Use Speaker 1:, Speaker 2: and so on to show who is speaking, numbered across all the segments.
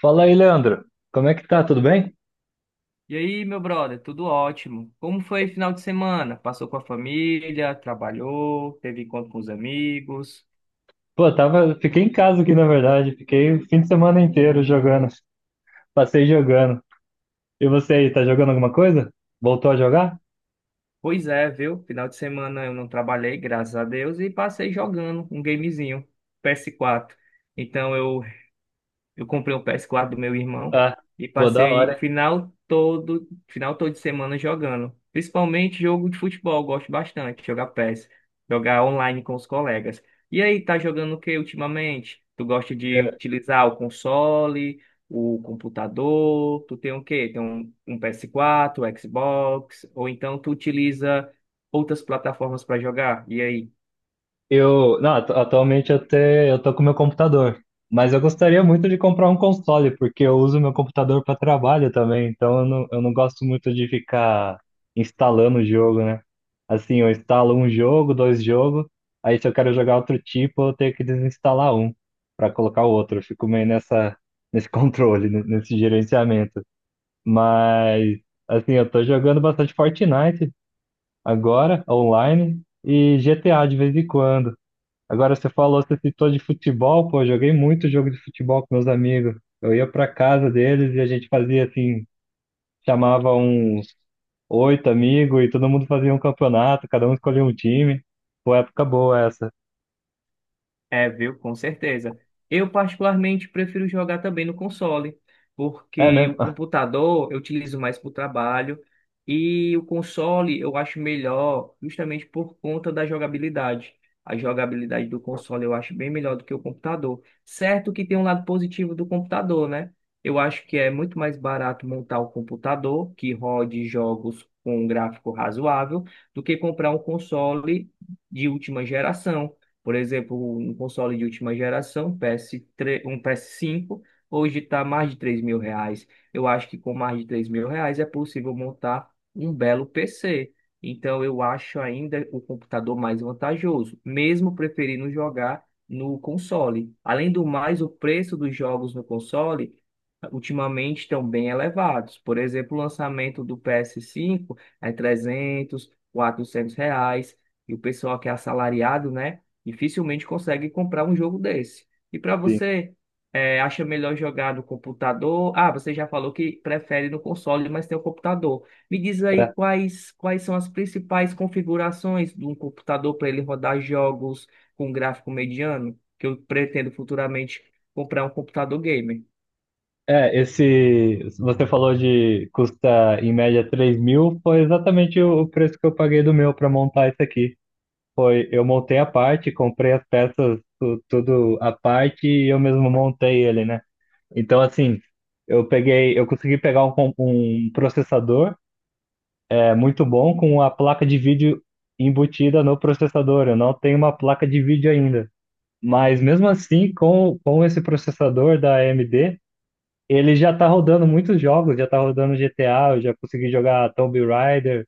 Speaker 1: Fala aí, Leandro. Como é que tá? Tudo bem?
Speaker 2: E aí, meu brother, tudo ótimo? Como foi o final de semana? Passou com a família, trabalhou, teve encontro com os amigos?
Speaker 1: Pô, tava, fiquei em casa aqui, na verdade. Fiquei o fim de semana inteiro jogando. Passei jogando. E você aí, tá jogando alguma coisa? Voltou a jogar?
Speaker 2: Pois é, viu? Final de semana eu não trabalhei, graças a Deus, e passei jogando um gamezinho, PS4. Então eu Eu comprei o PS4 do meu irmão
Speaker 1: Ah,
Speaker 2: e
Speaker 1: pô, da
Speaker 2: passei o
Speaker 1: hora.
Speaker 2: final todo de semana jogando. Principalmente jogo de futebol, eu gosto bastante de jogar PES, jogar online com os colegas. E aí, tá jogando o que ultimamente? Tu gosta de utilizar o console, o computador? Tu tem o quê? Tem um PS4, Xbox, ou então tu utiliza outras plataformas para jogar? E aí?
Speaker 1: Eu, não, atu- Atualmente eu tô com meu computador, mas eu gostaria muito de comprar um console, porque eu uso meu computador para trabalho também, então eu não gosto muito de ficar instalando o jogo, né? Assim, eu instalo um jogo, dois jogos, aí se eu quero jogar outro tipo, eu tenho que desinstalar um para colocar o outro. Eu fico meio nessa, nesse controle, nesse gerenciamento. Mas, assim, eu tô jogando bastante Fortnite agora, online, e GTA de vez em quando. Agora você falou, você citou de futebol, pô, eu joguei muito jogo de futebol com meus amigos. Eu ia pra casa deles e a gente fazia assim, chamava uns 8 amigos e todo mundo fazia um campeonato, cada um escolhia um time. Pô, época boa essa.
Speaker 2: É, viu? Com certeza. Eu particularmente prefiro jogar também no console,
Speaker 1: É
Speaker 2: porque
Speaker 1: mesmo?
Speaker 2: o computador eu utilizo mais para o trabalho e o console eu acho melhor justamente por conta da jogabilidade. A jogabilidade do console eu acho bem melhor do que o computador. Certo que tem um lado positivo do computador, né? Eu acho que é muito mais barato montar o computador que rode jogos com um gráfico razoável do que comprar um console de última geração, por exemplo, um console de última geração, PS3, um PS5, hoje está mais de R$ 3.000. Eu acho que com mais de R$ 3.000 é possível montar um belo PC. Então, eu acho ainda o computador mais vantajoso, mesmo preferindo jogar no console. Além do mais, o preço dos jogos no console ultimamente estão bem elevados. Por exemplo, o lançamento do PS5 é 300, R$ 400. E o pessoal que é assalariado, né? Dificilmente consegue comprar um jogo desse. E para
Speaker 1: Sim.
Speaker 2: você, é, acha melhor jogar no computador? Ah, você já falou que prefere no console, mas tem o computador. Me diz aí
Speaker 1: É,
Speaker 2: quais são as principais configurações de um computador para ele rodar jogos com gráfico mediano, que eu pretendo futuramente comprar um computador gamer.
Speaker 1: Esse, você falou de custa em média 3 mil, foi exatamente o preço que eu paguei do meu para montar isso aqui. Foi, eu montei a parte, comprei as peças, tudo a parte e eu mesmo montei ele, né? Então, assim, eu peguei, eu consegui pegar um processador é muito bom com a placa de vídeo embutida no processador. Eu não tenho uma placa de vídeo ainda. Mas mesmo assim, com esse processador da AMD, ele já tá rodando muitos jogos, já tá rodando GTA, eu já consegui jogar Tomb Raider,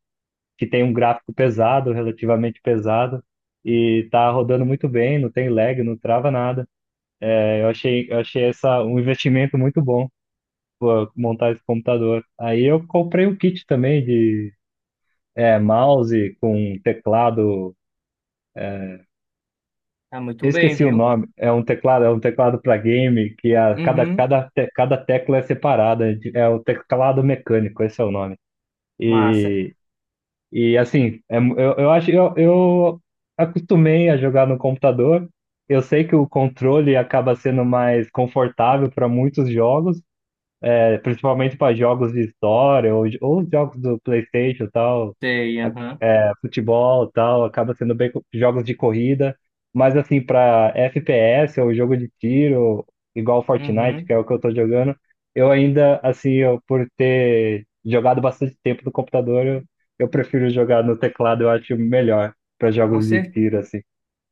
Speaker 1: que tem um gráfico pesado, relativamente pesado, e tá rodando muito bem, não tem lag, não trava nada. Eu achei essa um investimento muito bom. Pô, montar esse computador. Aí eu comprei um kit também de mouse com teclado.
Speaker 2: Tá muito
Speaker 1: Eu
Speaker 2: bem,
Speaker 1: esqueci o
Speaker 2: viu?
Speaker 1: nome. É um teclado para game que a, cada,
Speaker 2: Uhum,
Speaker 1: cada, te- cada tecla é separada. É o teclado mecânico, esse é o nome.
Speaker 2: massa.
Speaker 1: E, e assim, eu acho eu acostumei a jogar no computador. Eu sei que o controle acaba sendo mais confortável para muitos jogos, principalmente para jogos de história ou jogos do PlayStation e tal.
Speaker 2: Sei, aham.
Speaker 1: Futebol e tal, acaba sendo jogos de corrida, mas assim, para FPS ou jogo de tiro, igual Fortnite, que
Speaker 2: Uhum,
Speaker 1: é o que eu tô jogando, eu ainda, assim, eu, por ter jogado bastante tempo no computador, eu prefiro jogar no teclado, eu acho melhor para
Speaker 2: com
Speaker 1: jogos de
Speaker 2: certeza.
Speaker 1: tiro, assim.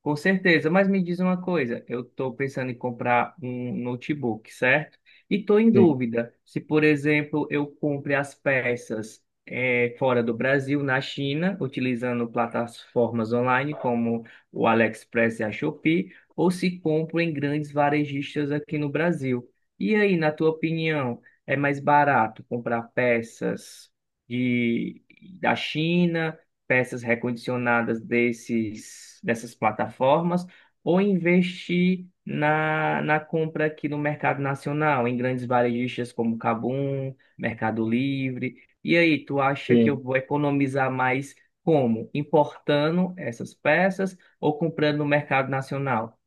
Speaker 2: Com certeza, mas me diz uma coisa, eu estou pensando em comprar um notebook, certo? E estou em
Speaker 1: Sim,
Speaker 2: dúvida se, por exemplo, eu compre as peças fora do Brasil, na China, utilizando plataformas online como o AliExpress e a Shopee, ou se compro em grandes varejistas aqui no Brasil. E aí, na tua opinião, é mais barato comprar peças de, da China? Peças recondicionadas dessas plataformas ou investir na compra aqui no mercado nacional, em grandes varejistas como Cabum, Mercado Livre. E aí, tu acha que
Speaker 1: sim.
Speaker 2: eu vou economizar mais como? Importando essas peças ou comprando no mercado nacional?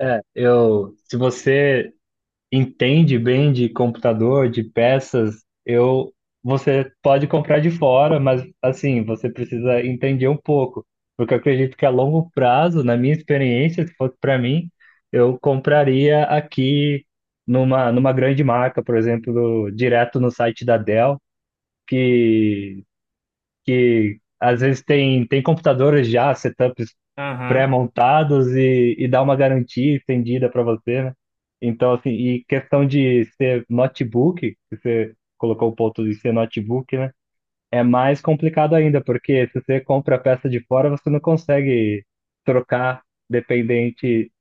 Speaker 1: É, eu, se você entende bem de computador, de peças, eu você pode comprar de fora, mas assim, você precisa entender um pouco, porque eu acredito que a longo prazo, na minha experiência, se fosse para mim, eu compraria aqui numa grande marca, por exemplo, direto no site da Dell, que que às vezes tem computadores já, setups
Speaker 2: Aham,
Speaker 1: pré-montados e dá uma garantia estendida para você, né? Então, assim, e questão de ser notebook, que você colocou o ponto de ser notebook, né? É mais complicado ainda, porque se você compra a peça de fora, você não consegue trocar dependente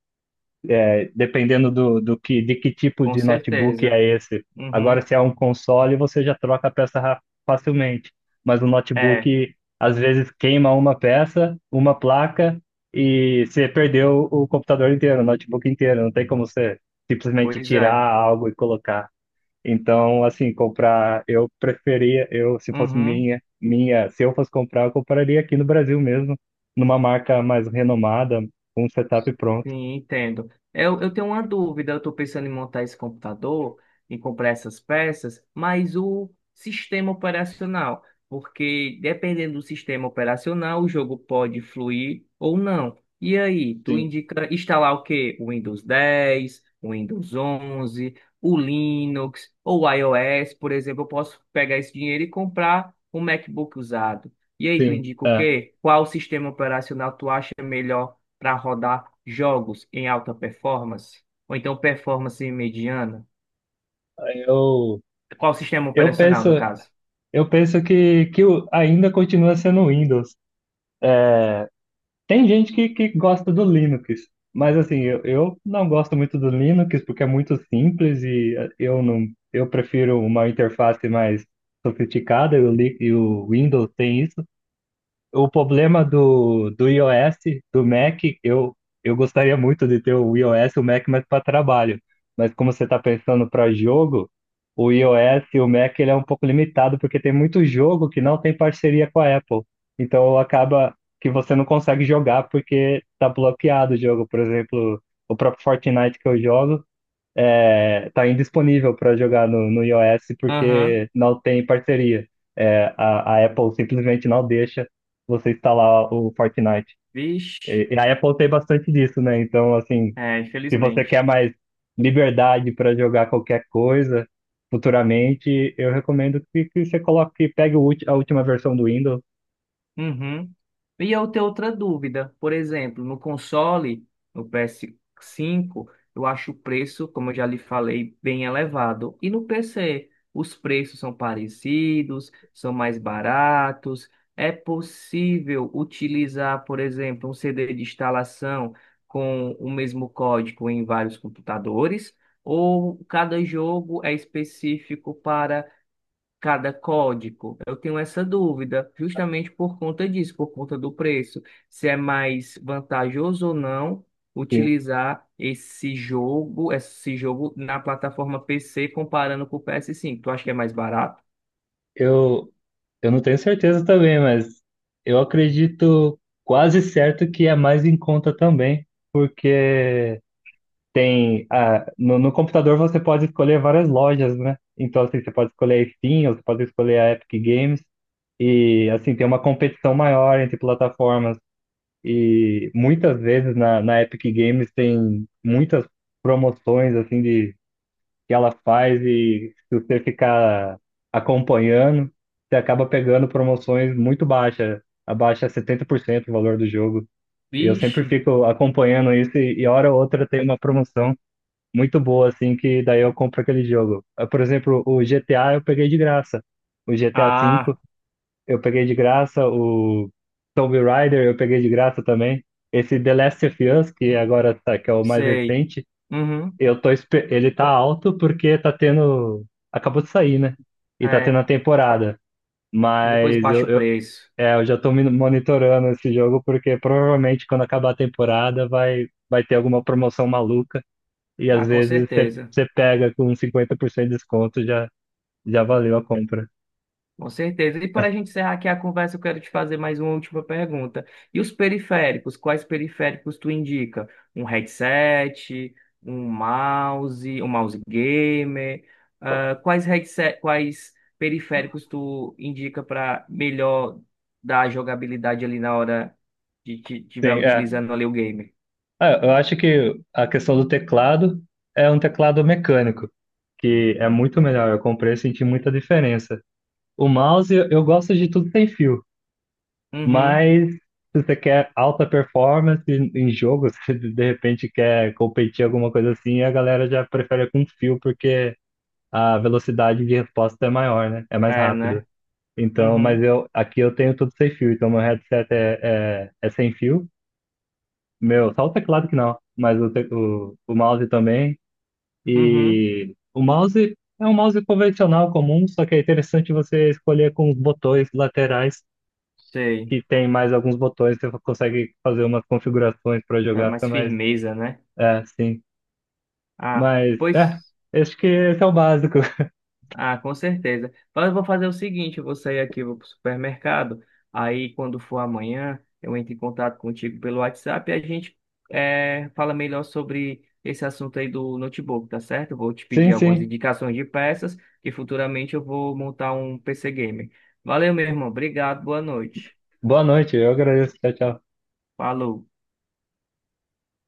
Speaker 1: dependendo de que tipo
Speaker 2: com
Speaker 1: de notebook
Speaker 2: certeza.
Speaker 1: é esse. Agora,
Speaker 2: Uhum.
Speaker 1: se é um console, você já troca a facilmente. Mas o
Speaker 2: É,
Speaker 1: notebook, às vezes, queima uma peça, uma placa, e você perdeu o computador inteiro, o notebook inteiro. Não tem como você simplesmente
Speaker 2: pois
Speaker 1: tirar
Speaker 2: é.
Speaker 1: algo e colocar. Então, assim, comprar, eu preferia, eu, se fosse
Speaker 2: Uhum.
Speaker 1: se eu fosse comprar, eu compraria aqui no Brasil mesmo, numa marca mais renomada, com um setup pronto.
Speaker 2: Sim, entendo. Eu tenho uma dúvida, eu estou pensando em montar esse computador, em comprar essas peças, mas o sistema operacional, porque dependendo do sistema operacional, o jogo pode fluir ou não. E aí, tu
Speaker 1: Sim,
Speaker 2: indica instalar o quê? O Windows 10, o Windows 11, o Linux ou o iOS? Por exemplo, eu posso pegar esse dinheiro e comprar um MacBook usado. E aí, tu
Speaker 1: sim.
Speaker 2: indica o
Speaker 1: É.
Speaker 2: quê? Qual sistema operacional tu acha melhor para rodar jogos em alta performance, ou então performance mediana?
Speaker 1: Eu,
Speaker 2: Qual o sistema
Speaker 1: eu
Speaker 2: operacional,
Speaker 1: penso,
Speaker 2: no caso?
Speaker 1: eu penso ainda continua sendo o Windows. Tem gente que gosta do Linux, mas assim, eu não gosto muito do Linux porque é muito simples e eu não, eu prefiro uma interface mais sofisticada e o Windows tem isso. O problema do iOS, do Mac, eu gostaria muito de ter o iOS e o Mac mais para trabalho. Mas como você está pensando para jogo, o iOS e o Mac ele é um pouco limitado, porque tem muito jogo que não tem parceria com a Apple. Então acaba que você não consegue jogar porque está bloqueado o jogo. Por exemplo, o próprio Fortnite que eu jogo, tá indisponível para jogar no iOS
Speaker 2: Aham.
Speaker 1: porque não tem parceria. É, a Apple simplesmente não deixa você instalar o Fortnite.
Speaker 2: Vixe,
Speaker 1: E a Apple tem bastante disso, né? Então, assim,
Speaker 2: é,
Speaker 1: se você quer
Speaker 2: infelizmente.
Speaker 1: mais liberdade para jogar qualquer coisa futuramente, eu recomendo que você coloque, que pegue o a última versão do Windows.
Speaker 2: Uhum. E eu tenho outra dúvida. Por exemplo, no console, no PS5, eu acho o preço, como eu já lhe falei, bem elevado. E no PC, os preços são parecidos, são mais baratos. É possível utilizar, por exemplo, um CD de instalação com o mesmo código em vários computadores? Ou cada jogo é específico, cada código? Eu tenho essa dúvida, justamente por conta disso, por conta do preço. Se é mais vantajoso ou não
Speaker 1: Sim.
Speaker 2: utilizar esse jogo na plataforma PC comparando com o PS5. Tu acha que é mais barato?
Speaker 1: Eu, eu não tenho certeza também, mas eu acredito quase certo que é mais em conta também, porque tem, ah, no computador você pode escolher várias lojas, né? Então, assim, você pode escolher a Steam, ou você pode escolher a Epic Games, e, assim, tem uma competição maior entre plataformas. E muitas vezes na Epic Games tem muitas promoções, assim, de, que ela faz, e se você ficar acompanhando, você acaba pegando promoções muito baixas, abaixo 70% do valor do jogo. E eu sempre
Speaker 2: Vixe.
Speaker 1: fico acompanhando isso, e hora ou outra tem uma promoção muito boa, assim, que daí eu compro aquele jogo. Ah, por exemplo, o GTA eu peguei de graça. O GTA V
Speaker 2: Ah,
Speaker 1: eu peguei de graça. O Tomb Raider eu peguei de graça também. Esse The Last of Us, que agora tá, que é o mais
Speaker 2: sei.
Speaker 1: recente,
Speaker 2: Uhum,
Speaker 1: ele tá alto porque tá tendo. Acabou de sair, né? E tá tendo
Speaker 2: é.
Speaker 1: a temporada.
Speaker 2: Aí depois
Speaker 1: Mas
Speaker 2: baixa o
Speaker 1: eu,
Speaker 2: preço.
Speaker 1: é, eu já tô me monitorando esse jogo porque provavelmente quando acabar a temporada vai, vai ter alguma promoção maluca. E
Speaker 2: Ah,
Speaker 1: às
Speaker 2: com
Speaker 1: vezes você
Speaker 2: certeza.
Speaker 1: você pega com 50% de desconto, já, já valeu a compra.
Speaker 2: Com certeza. E para a gente encerrar aqui a conversa, eu quero te fazer mais uma última pergunta. E os periféricos? Quais periféricos tu indica? Um headset, um mouse gamer? Ah, quais headset, quais periféricos tu indica para melhor dar a jogabilidade ali na hora de que tiver
Speaker 1: Sim, é.
Speaker 2: utilizando ali o game?
Speaker 1: Ah, eu acho que a questão do teclado é um teclado mecânico, que é muito melhor. Eu comprei e senti muita diferença. O mouse, eu gosto de tudo sem fio,
Speaker 2: Uhum.
Speaker 1: mas se você quer alta performance em jogo, se de repente quer competir alguma coisa assim, a galera já prefere com fio, porque a velocidade de resposta é maior, né? É mais
Speaker 2: É,
Speaker 1: rápido.
Speaker 2: né?
Speaker 1: Então, mas
Speaker 2: Uhum.
Speaker 1: eu aqui eu tenho tudo sem fio, então meu headset é sem fio. Meu, só o teclado que não, mas o mouse também.
Speaker 2: Uhum.
Speaker 1: E o mouse é um mouse convencional comum, só que é interessante você escolher com os botões laterais,
Speaker 2: Sei.
Speaker 1: que tem mais alguns botões, você consegue fazer umas configurações para
Speaker 2: Dá
Speaker 1: jogar, fica
Speaker 2: mais
Speaker 1: mais.
Speaker 2: firmeza, né?
Speaker 1: É, sim.
Speaker 2: Ah,
Speaker 1: Mas,
Speaker 2: pois.
Speaker 1: é, acho que esse é o básico.
Speaker 2: Ah, com certeza. Mas eu vou fazer o seguinte, eu vou sair aqui, vou pro supermercado, aí quando for amanhã, eu entro em contato contigo pelo WhatsApp e a gente fala melhor sobre esse assunto aí do notebook, tá certo? Eu vou te
Speaker 1: Sim,
Speaker 2: pedir algumas
Speaker 1: sim.
Speaker 2: indicações de peças e futuramente eu vou montar um PC Gamer. Valeu, meu irmão. Obrigado, boa noite.
Speaker 1: Boa noite, eu agradeço. Tchau, tchau.
Speaker 2: Falou.